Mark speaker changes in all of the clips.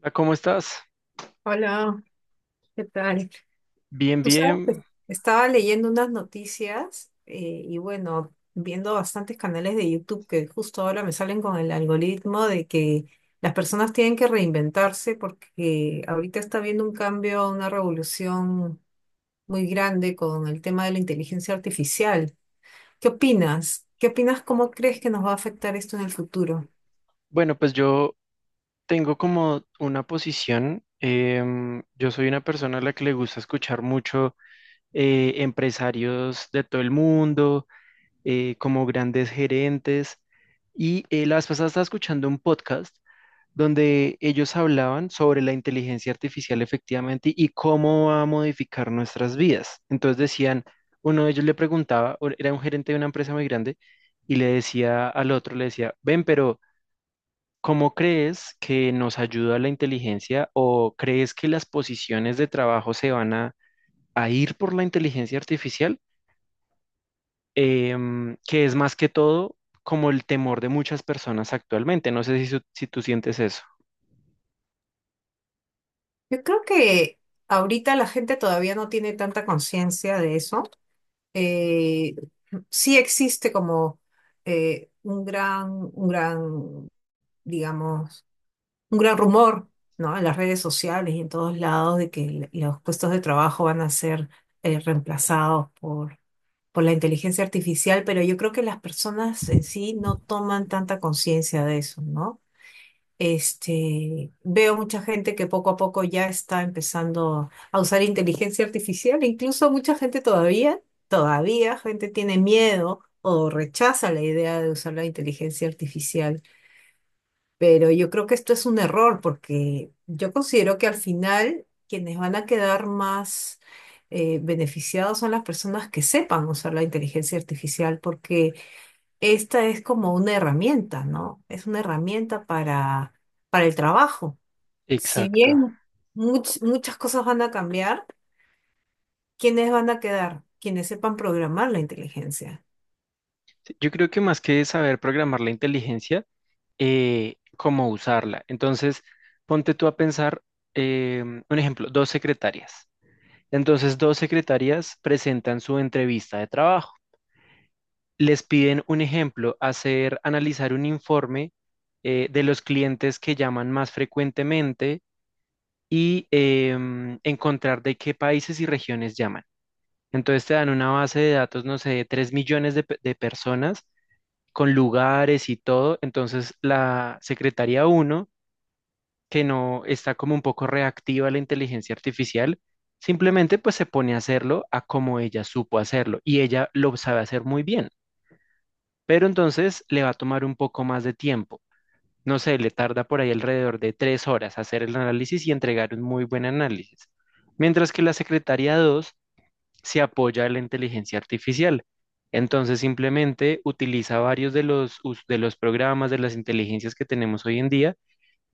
Speaker 1: Hola, ¿cómo estás?
Speaker 2: Hola, ¿qué tal?
Speaker 1: Bien,
Speaker 2: Tú sabes que
Speaker 1: bien.
Speaker 2: estaba leyendo unas noticias y bueno, viendo bastantes canales de YouTube que justo ahora me salen con el algoritmo de que las personas tienen que reinventarse porque ahorita está habiendo un cambio, una revolución muy grande con el tema de la inteligencia artificial. ¿Qué opinas? ¿Qué opinas? ¿Cómo crees que nos va a afectar esto en el futuro?
Speaker 1: Bueno, pues yo tengo como una posición. Yo soy una persona a la que le gusta escuchar mucho empresarios de todo el mundo, como grandes gerentes. Y la vez pasada estaba escuchando un podcast donde ellos hablaban sobre la inteligencia artificial efectivamente y cómo va a modificar nuestras vidas. Entonces decían, uno de ellos le preguntaba, o era un gerente de una empresa muy grande, y le decía al otro, le decía, ven, pero ¿cómo crees que nos ayuda la inteligencia o crees que las posiciones de trabajo se van a ir por la inteligencia artificial? Que es más que todo como el temor de muchas personas actualmente. No sé si, si tú sientes eso.
Speaker 2: Yo creo que ahorita la gente todavía no tiene tanta conciencia de eso. Eh, sí existe como eh, un gran, un gran, digamos, un gran rumor, ¿no? En las redes sociales y en todos lados de que los puestos de trabajo van a ser reemplazados por la inteligencia artificial, pero yo creo que las personas en sí no toman tanta conciencia de eso, ¿no? Este, veo mucha gente que poco a poco ya está empezando a usar inteligencia artificial, incluso todavía gente tiene miedo o rechaza la idea de usar la inteligencia artificial, pero yo creo que esto es un error porque yo considero que al final quienes van a quedar más beneficiados son las personas que sepan usar la inteligencia artificial porque esta es como una herramienta, ¿no? Es una herramienta para el trabajo. Si
Speaker 1: Exacto.
Speaker 2: bien muchas cosas van a cambiar, ¿quiénes van a quedar? Quienes sepan programar la inteligencia.
Speaker 1: Yo creo que más que saber programar la inteligencia, cómo usarla. Entonces, ponte tú a pensar, un ejemplo, dos secretarias. Entonces, dos secretarias presentan su entrevista de trabajo. Les piden un ejemplo, hacer, analizar un informe de los clientes que llaman más frecuentemente y encontrar de qué países y regiones llaman. Entonces te dan una base de datos, no sé, de 3.000.000 de personas con lugares y todo. Entonces, la secretaría uno, que no está como un poco reactiva a la inteligencia artificial, simplemente pues se pone a hacerlo a como ella supo hacerlo y ella lo sabe hacer muy bien, pero entonces le va a tomar un poco más de tiempo. No sé, le tarda por ahí alrededor de 3 horas hacer el análisis y entregar un muy buen análisis. Mientras que la secretaría 2 se apoya en la inteligencia artificial. Entonces simplemente utiliza varios de los programas, de las inteligencias que tenemos hoy en día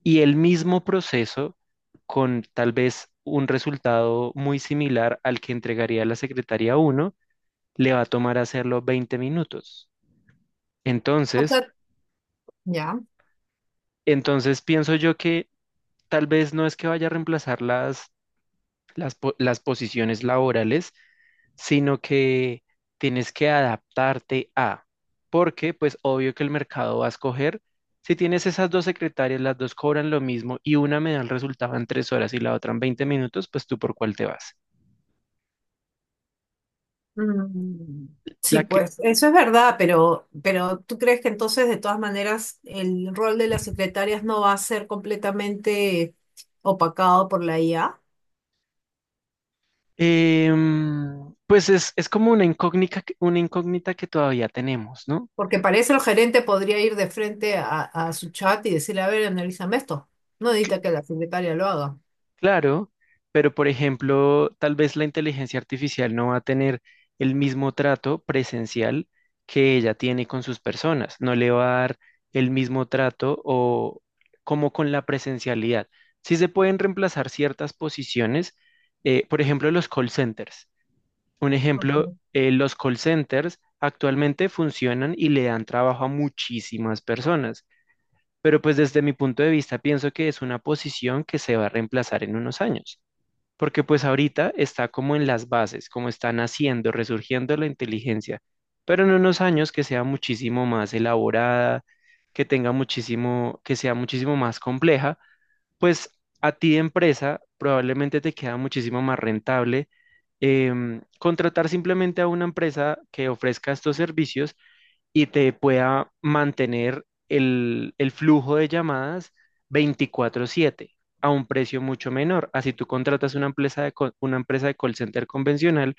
Speaker 1: y el mismo proceso con tal vez un resultado muy similar al que entregaría la secretaría uno le va a tomar hacerlo 20 minutos.
Speaker 2: O
Speaker 1: Entonces,
Speaker 2: sea, ya.
Speaker 1: entonces pienso yo que tal vez no es que vaya a reemplazar las posiciones laborales, sino que tienes que adaptarte porque pues obvio que el mercado va a escoger, si tienes esas dos secretarias, las dos cobran lo mismo y una me da el resultado en 3 horas y la otra en 20 minutos, pues tú por cuál te vas.
Speaker 2: Mm, sí,
Speaker 1: La que,
Speaker 2: pues eso es verdad, pero, ¿pero tú crees que entonces de todas maneras el rol de las secretarias no va a ser completamente opacado por la IA?
Speaker 1: pues es como una incógnita, una incógnita que todavía tenemos, ¿no?
Speaker 2: Porque para eso el gerente podría ir de frente a su chat y decirle, a ver, analízame esto. No necesita que la secretaria lo haga.
Speaker 1: Claro, pero por ejemplo, tal vez la inteligencia artificial no va a tener el mismo trato presencial que ella tiene con sus personas, no le va a dar el mismo trato o como con la presencialidad. Sí se pueden reemplazar ciertas posiciones, por ejemplo, los call centers. Un ejemplo, los call centers actualmente funcionan y le dan trabajo a muchísimas personas, pero pues desde mi punto de vista pienso que es una posición que se va a reemplazar en unos años porque pues ahorita está como en las bases, como está naciendo, resurgiendo la inteligencia, pero en unos años que sea muchísimo más elaborada, que tenga muchísimo, que sea muchísimo más compleja, pues a ti de empresa probablemente te queda muchísimo más rentable contratar simplemente a una empresa que ofrezca estos servicios y te pueda mantener el flujo de llamadas 24/7 a un precio mucho menor. Así tú contratas una empresa una empresa de call center convencional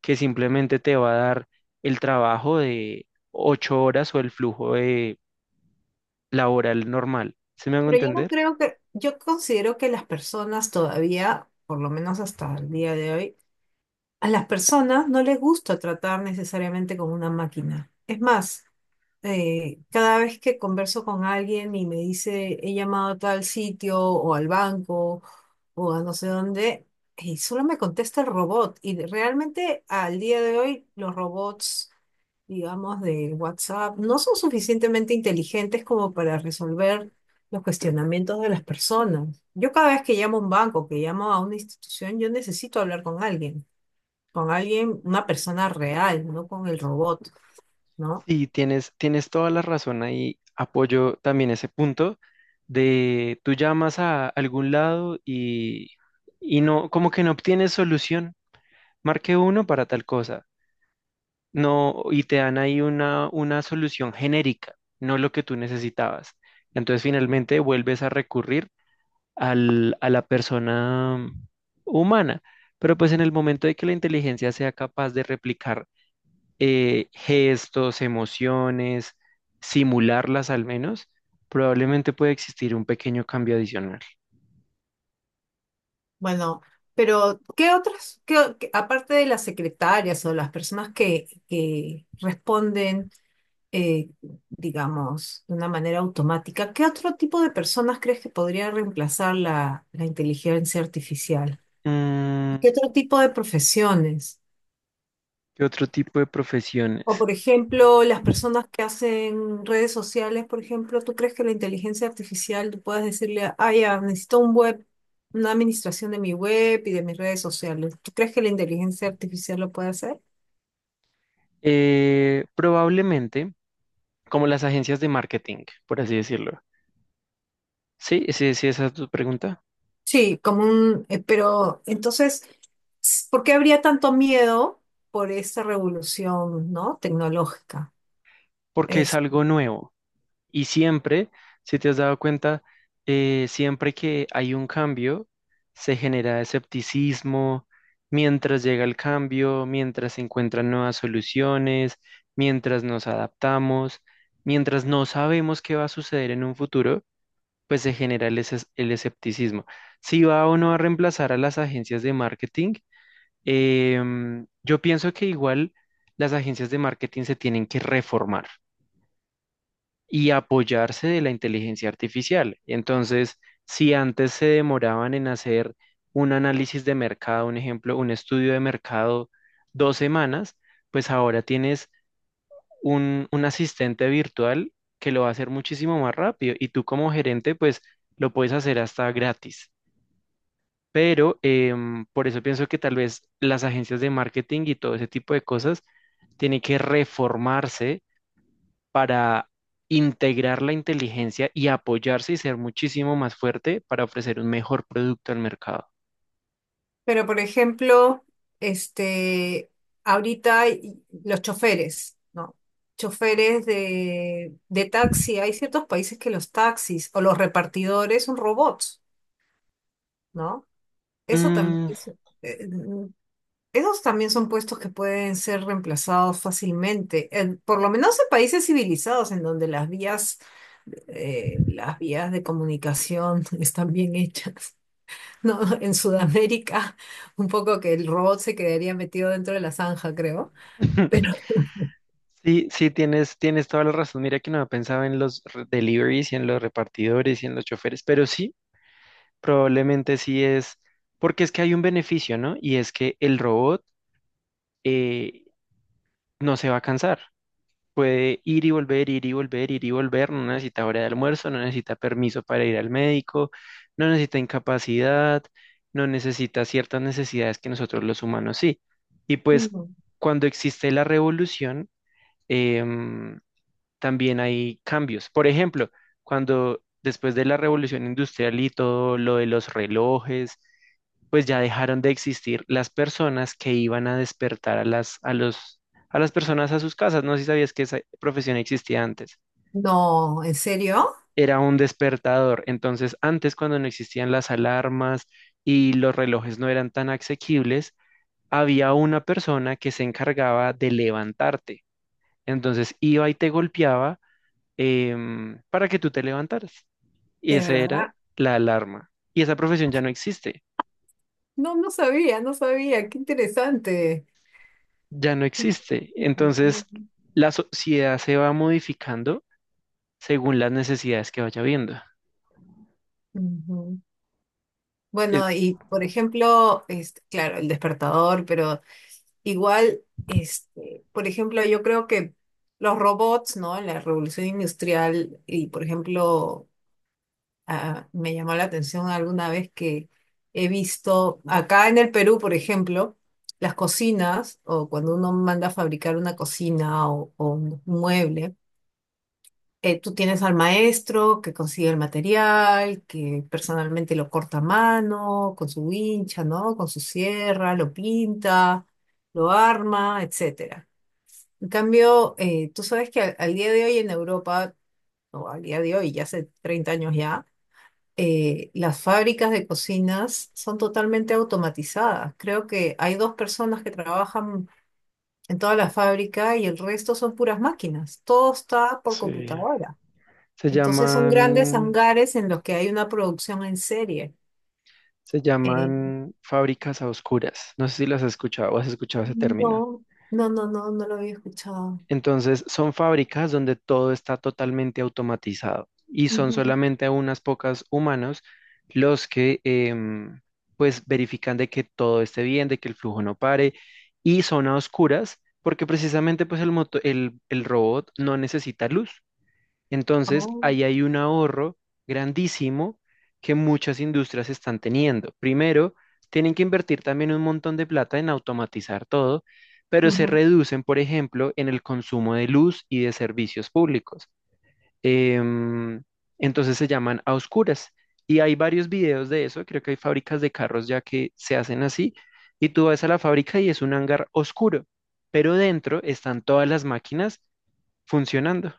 Speaker 1: que simplemente te va a dar el trabajo de 8 horas o el flujo de laboral normal. ¿Se me hago
Speaker 2: Pero yo no
Speaker 1: entender?
Speaker 2: creo que, yo considero que las personas todavía, por lo menos hasta el día de hoy, a las personas no les gusta tratar necesariamente como una máquina. Es más, cada vez que converso con alguien y me dice he llamado a tal sitio o al banco o a no sé dónde, y solo me contesta el robot. Realmente al día de hoy los robots, digamos, de WhatsApp no son suficientemente inteligentes como para resolver los cuestionamientos de las personas. Yo cada vez que llamo a un banco, que llamo a una institución, yo necesito hablar con alguien, una persona real, no con el robot. ¿No?
Speaker 1: Sí, tienes toda la razón ahí. Apoyo también ese punto de tú llamas a algún lado y no, como que no obtienes solución. Marque uno para tal cosa. No, y te dan ahí una solución genérica, no lo que tú necesitabas. Entonces finalmente vuelves a recurrir a la persona humana. Pero pues en el momento de que la inteligencia sea capaz de replicar gestos, emociones, simularlas al menos, probablemente puede existir un pequeño cambio adicional.
Speaker 2: Bueno, pero ¿qué aparte de las secretarias o las personas que responden, eh, digamos, de una manera automática, ¿qué otro tipo de personas crees que podría reemplazar la inteligencia artificial?
Speaker 1: Mm,
Speaker 2: ¿Qué otro tipo de profesiones?
Speaker 1: ¿qué otro tipo de profesiones?
Speaker 2: O por ejemplo, las personas que hacen redes sociales, por ejemplo, ¿tú crees que la inteligencia artificial, tú puedes decirle, ah, ya, necesito un web, una administración de mi web y de mis redes sociales? ¿Tú crees que la inteligencia artificial lo puede hacer?
Speaker 1: Probablemente. Como las agencias de marketing, por así decirlo. Sí, sí, sí, esa es tu pregunta,
Speaker 2: Sí, como un, pero entonces, ¿por qué habría tanto miedo por esa revolución, ¿no?, tecnológica?
Speaker 1: porque es algo nuevo. Y siempre, si te has dado cuenta, siempre que hay un cambio, se genera escepticismo, mientras llega el cambio, mientras se encuentran nuevas soluciones, mientras nos adaptamos, mientras no sabemos qué va a suceder en un futuro, pues se genera el escepticismo. Si va o no a reemplazar a las agencias de marketing, yo pienso que igual las agencias de marketing se tienen que reformar y apoyarse de la inteligencia artificial. Entonces, si antes se demoraban en hacer un análisis de mercado, un ejemplo, un estudio de mercado 2 semanas, pues ahora tienes un asistente virtual que lo va a hacer muchísimo más rápido y tú como gerente, pues lo puedes hacer hasta gratis. Pero por eso pienso que tal vez las agencias de marketing y todo ese tipo de cosas tiene que reformarse para integrar la inteligencia y apoyarse y ser muchísimo más fuerte para ofrecer un mejor producto al mercado.
Speaker 2: Pero, por ejemplo, este, ahorita hay los choferes, ¿no? Choferes de taxi, hay ciertos países que los taxis o los repartidores son robots, ¿no? Eso también
Speaker 1: Mm.
Speaker 2: es- eh, mm, Esos también son puestos que pueden ser reemplazados fácilmente, por lo menos en países civilizados en donde las vías de comunicación están bien hechas. No, en Sudamérica, un poco que el robot se quedaría metido dentro de la zanja, creo. Pero
Speaker 1: Sí, sí, tienes toda la razón. Mira que no había pensado en los deliveries y en los repartidores y en los choferes, pero sí, probablemente sí es, porque es que hay un beneficio, ¿no? Y es que el robot eh, no se va a cansar. Puede ir y volver, ir y volver, ir y volver, no necesita hora de almuerzo, no necesita permiso para ir al médico, no necesita incapacidad, no necesita ciertas necesidades que nosotros los humanos sí. Y pues
Speaker 2: no,
Speaker 1: cuando existe la revolución, em, también hay cambios. Por ejemplo, cuando después de la revolución industrial y todo lo de los relojes, pues ya dejaron de existir las personas que iban a despertar a las personas a sus casas. No sé si sabías que esa profesión existía antes.
Speaker 2: no, ¿en serio?
Speaker 1: Era un despertador. Entonces, antes cuando no existían las alarmas y los relojes no eran tan asequibles, había una persona que se encargaba de levantarte. Entonces iba y te golpeaba para que tú te levantaras. Y
Speaker 2: De
Speaker 1: esa era
Speaker 2: verdad.
Speaker 1: la alarma. Y esa profesión ya no existe,
Speaker 2: No, no sabía, no sabía. Qué interesante.
Speaker 1: ya no existe. Entonces,
Speaker 2: Ujú.
Speaker 1: la sociedad se va modificando según las necesidades que vaya viendo.
Speaker 2: Ujú.
Speaker 1: Eh,
Speaker 2: Bueno, y por ejemplo, este, claro, el despertador, pero igual, este, por ejemplo, yo creo que los robots, ¿no? En la revolución industrial y, por ejemplo, ah, me llamó la atención alguna vez que he visto acá en el Perú, por ejemplo, las cocinas o cuando uno manda a fabricar una cocina o un mueble, tú tienes al maestro que consigue el material, que personalmente lo corta a mano, con su wincha, ¿no? Con su sierra, lo pinta, lo arma, etcétera. En cambio, tú sabes que al día de hoy en Europa, o al día de hoy, ya hace 30 años ya, las fábricas de cocinas son totalmente automatizadas. Creo que hay dos personas que trabajan en toda la fábrica y el resto son puras máquinas. Todo está por
Speaker 1: sí.
Speaker 2: computadora.
Speaker 1: Se
Speaker 2: Entonces son grandes
Speaker 1: llaman,
Speaker 2: hangares en los que hay una producción en serie.
Speaker 1: se
Speaker 2: Eh,
Speaker 1: llaman fábricas a oscuras. No sé si las has escuchado o has escuchado ese término.
Speaker 2: no, no, no, no, no lo había escuchado.
Speaker 1: Entonces, son fábricas donde todo está totalmente automatizado y son
Speaker 2: Ujú.
Speaker 1: solamente unas pocas humanos los que pues verifican de que todo esté bien, de que el flujo no pare y son a oscuras porque precisamente pues el robot no necesita luz. Entonces,
Speaker 2: Oh,
Speaker 1: ahí hay un ahorro grandísimo que muchas industrias están teniendo. Primero, tienen que invertir también un montón de plata en automatizar todo, pero se
Speaker 2: ujú.
Speaker 1: reducen, por ejemplo, en el consumo de luz y de servicios públicos. Em, entonces se llaman a oscuras. Y hay varios videos de eso, creo que hay fábricas de carros ya que se hacen así, y tú vas a la fábrica y es un hangar oscuro, pero dentro están todas las máquinas funcionando.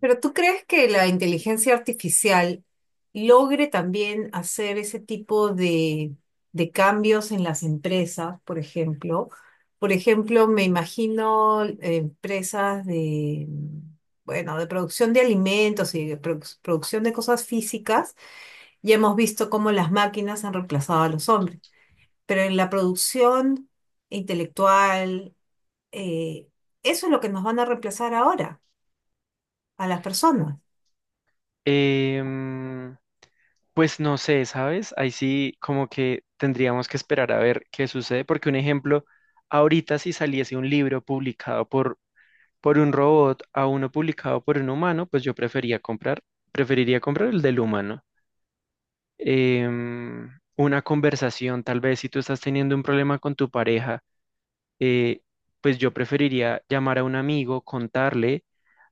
Speaker 2: Pero ¿tú crees que la inteligencia artificial logre también hacer ese tipo de cambios en las empresas, por ejemplo? Por ejemplo, me imagino empresas de, bueno, de producción de alimentos y de producción de cosas físicas. Ya hemos visto cómo las máquinas han reemplazado a los hombres, pero en la producción intelectual, eh, eso es lo que nos van a reemplazar ahora, a las personas.
Speaker 1: Em, Pues no sé, ¿sabes? Ahí sí como que tendríamos que esperar a ver qué sucede, porque un ejemplo, ahorita si saliese un libro publicado por un robot a uno publicado por un humano, pues yo preferiría comprar el del humano. Em, una conversación, tal vez si tú estás teniendo un problema con tu pareja, eh, pues yo preferiría llamar a un amigo, contarle,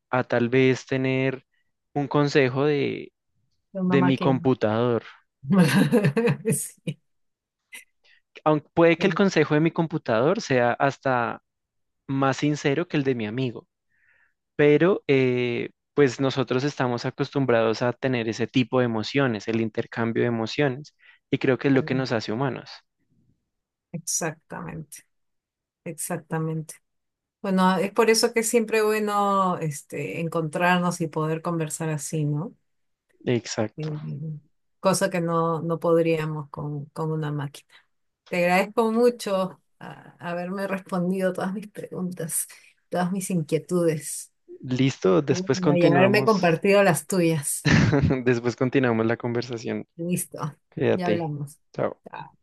Speaker 1: a tal vez tener un consejo de,
Speaker 2: De una
Speaker 1: de mi
Speaker 2: máquina.
Speaker 1: computador.
Speaker 2: Sí,
Speaker 1: Aunque puede que el consejo de mi computador sea hasta más sincero que el de mi amigo, pero pues nosotros estamos acostumbrados a tener ese tipo de emociones, el intercambio de emociones, y creo que es lo que nos hace humanos.
Speaker 2: exactamente, exactamente. Bueno, es por eso que es siempre bueno este, encontrarnos y poder conversar así, ¿no?
Speaker 1: Exacto.
Speaker 2: Mm, cosa que no, no podríamos con una máquina. Te agradezco mucho haberme respondido todas mis preguntas, todas mis inquietudes.
Speaker 1: Listo, después
Speaker 2: Bueno, y haberme
Speaker 1: continuamos.
Speaker 2: compartido las tuyas.
Speaker 1: Después continuamos la conversación.
Speaker 2: Listo, ya
Speaker 1: Quédate.
Speaker 2: hablamos.
Speaker 1: Chao.
Speaker 2: Chao.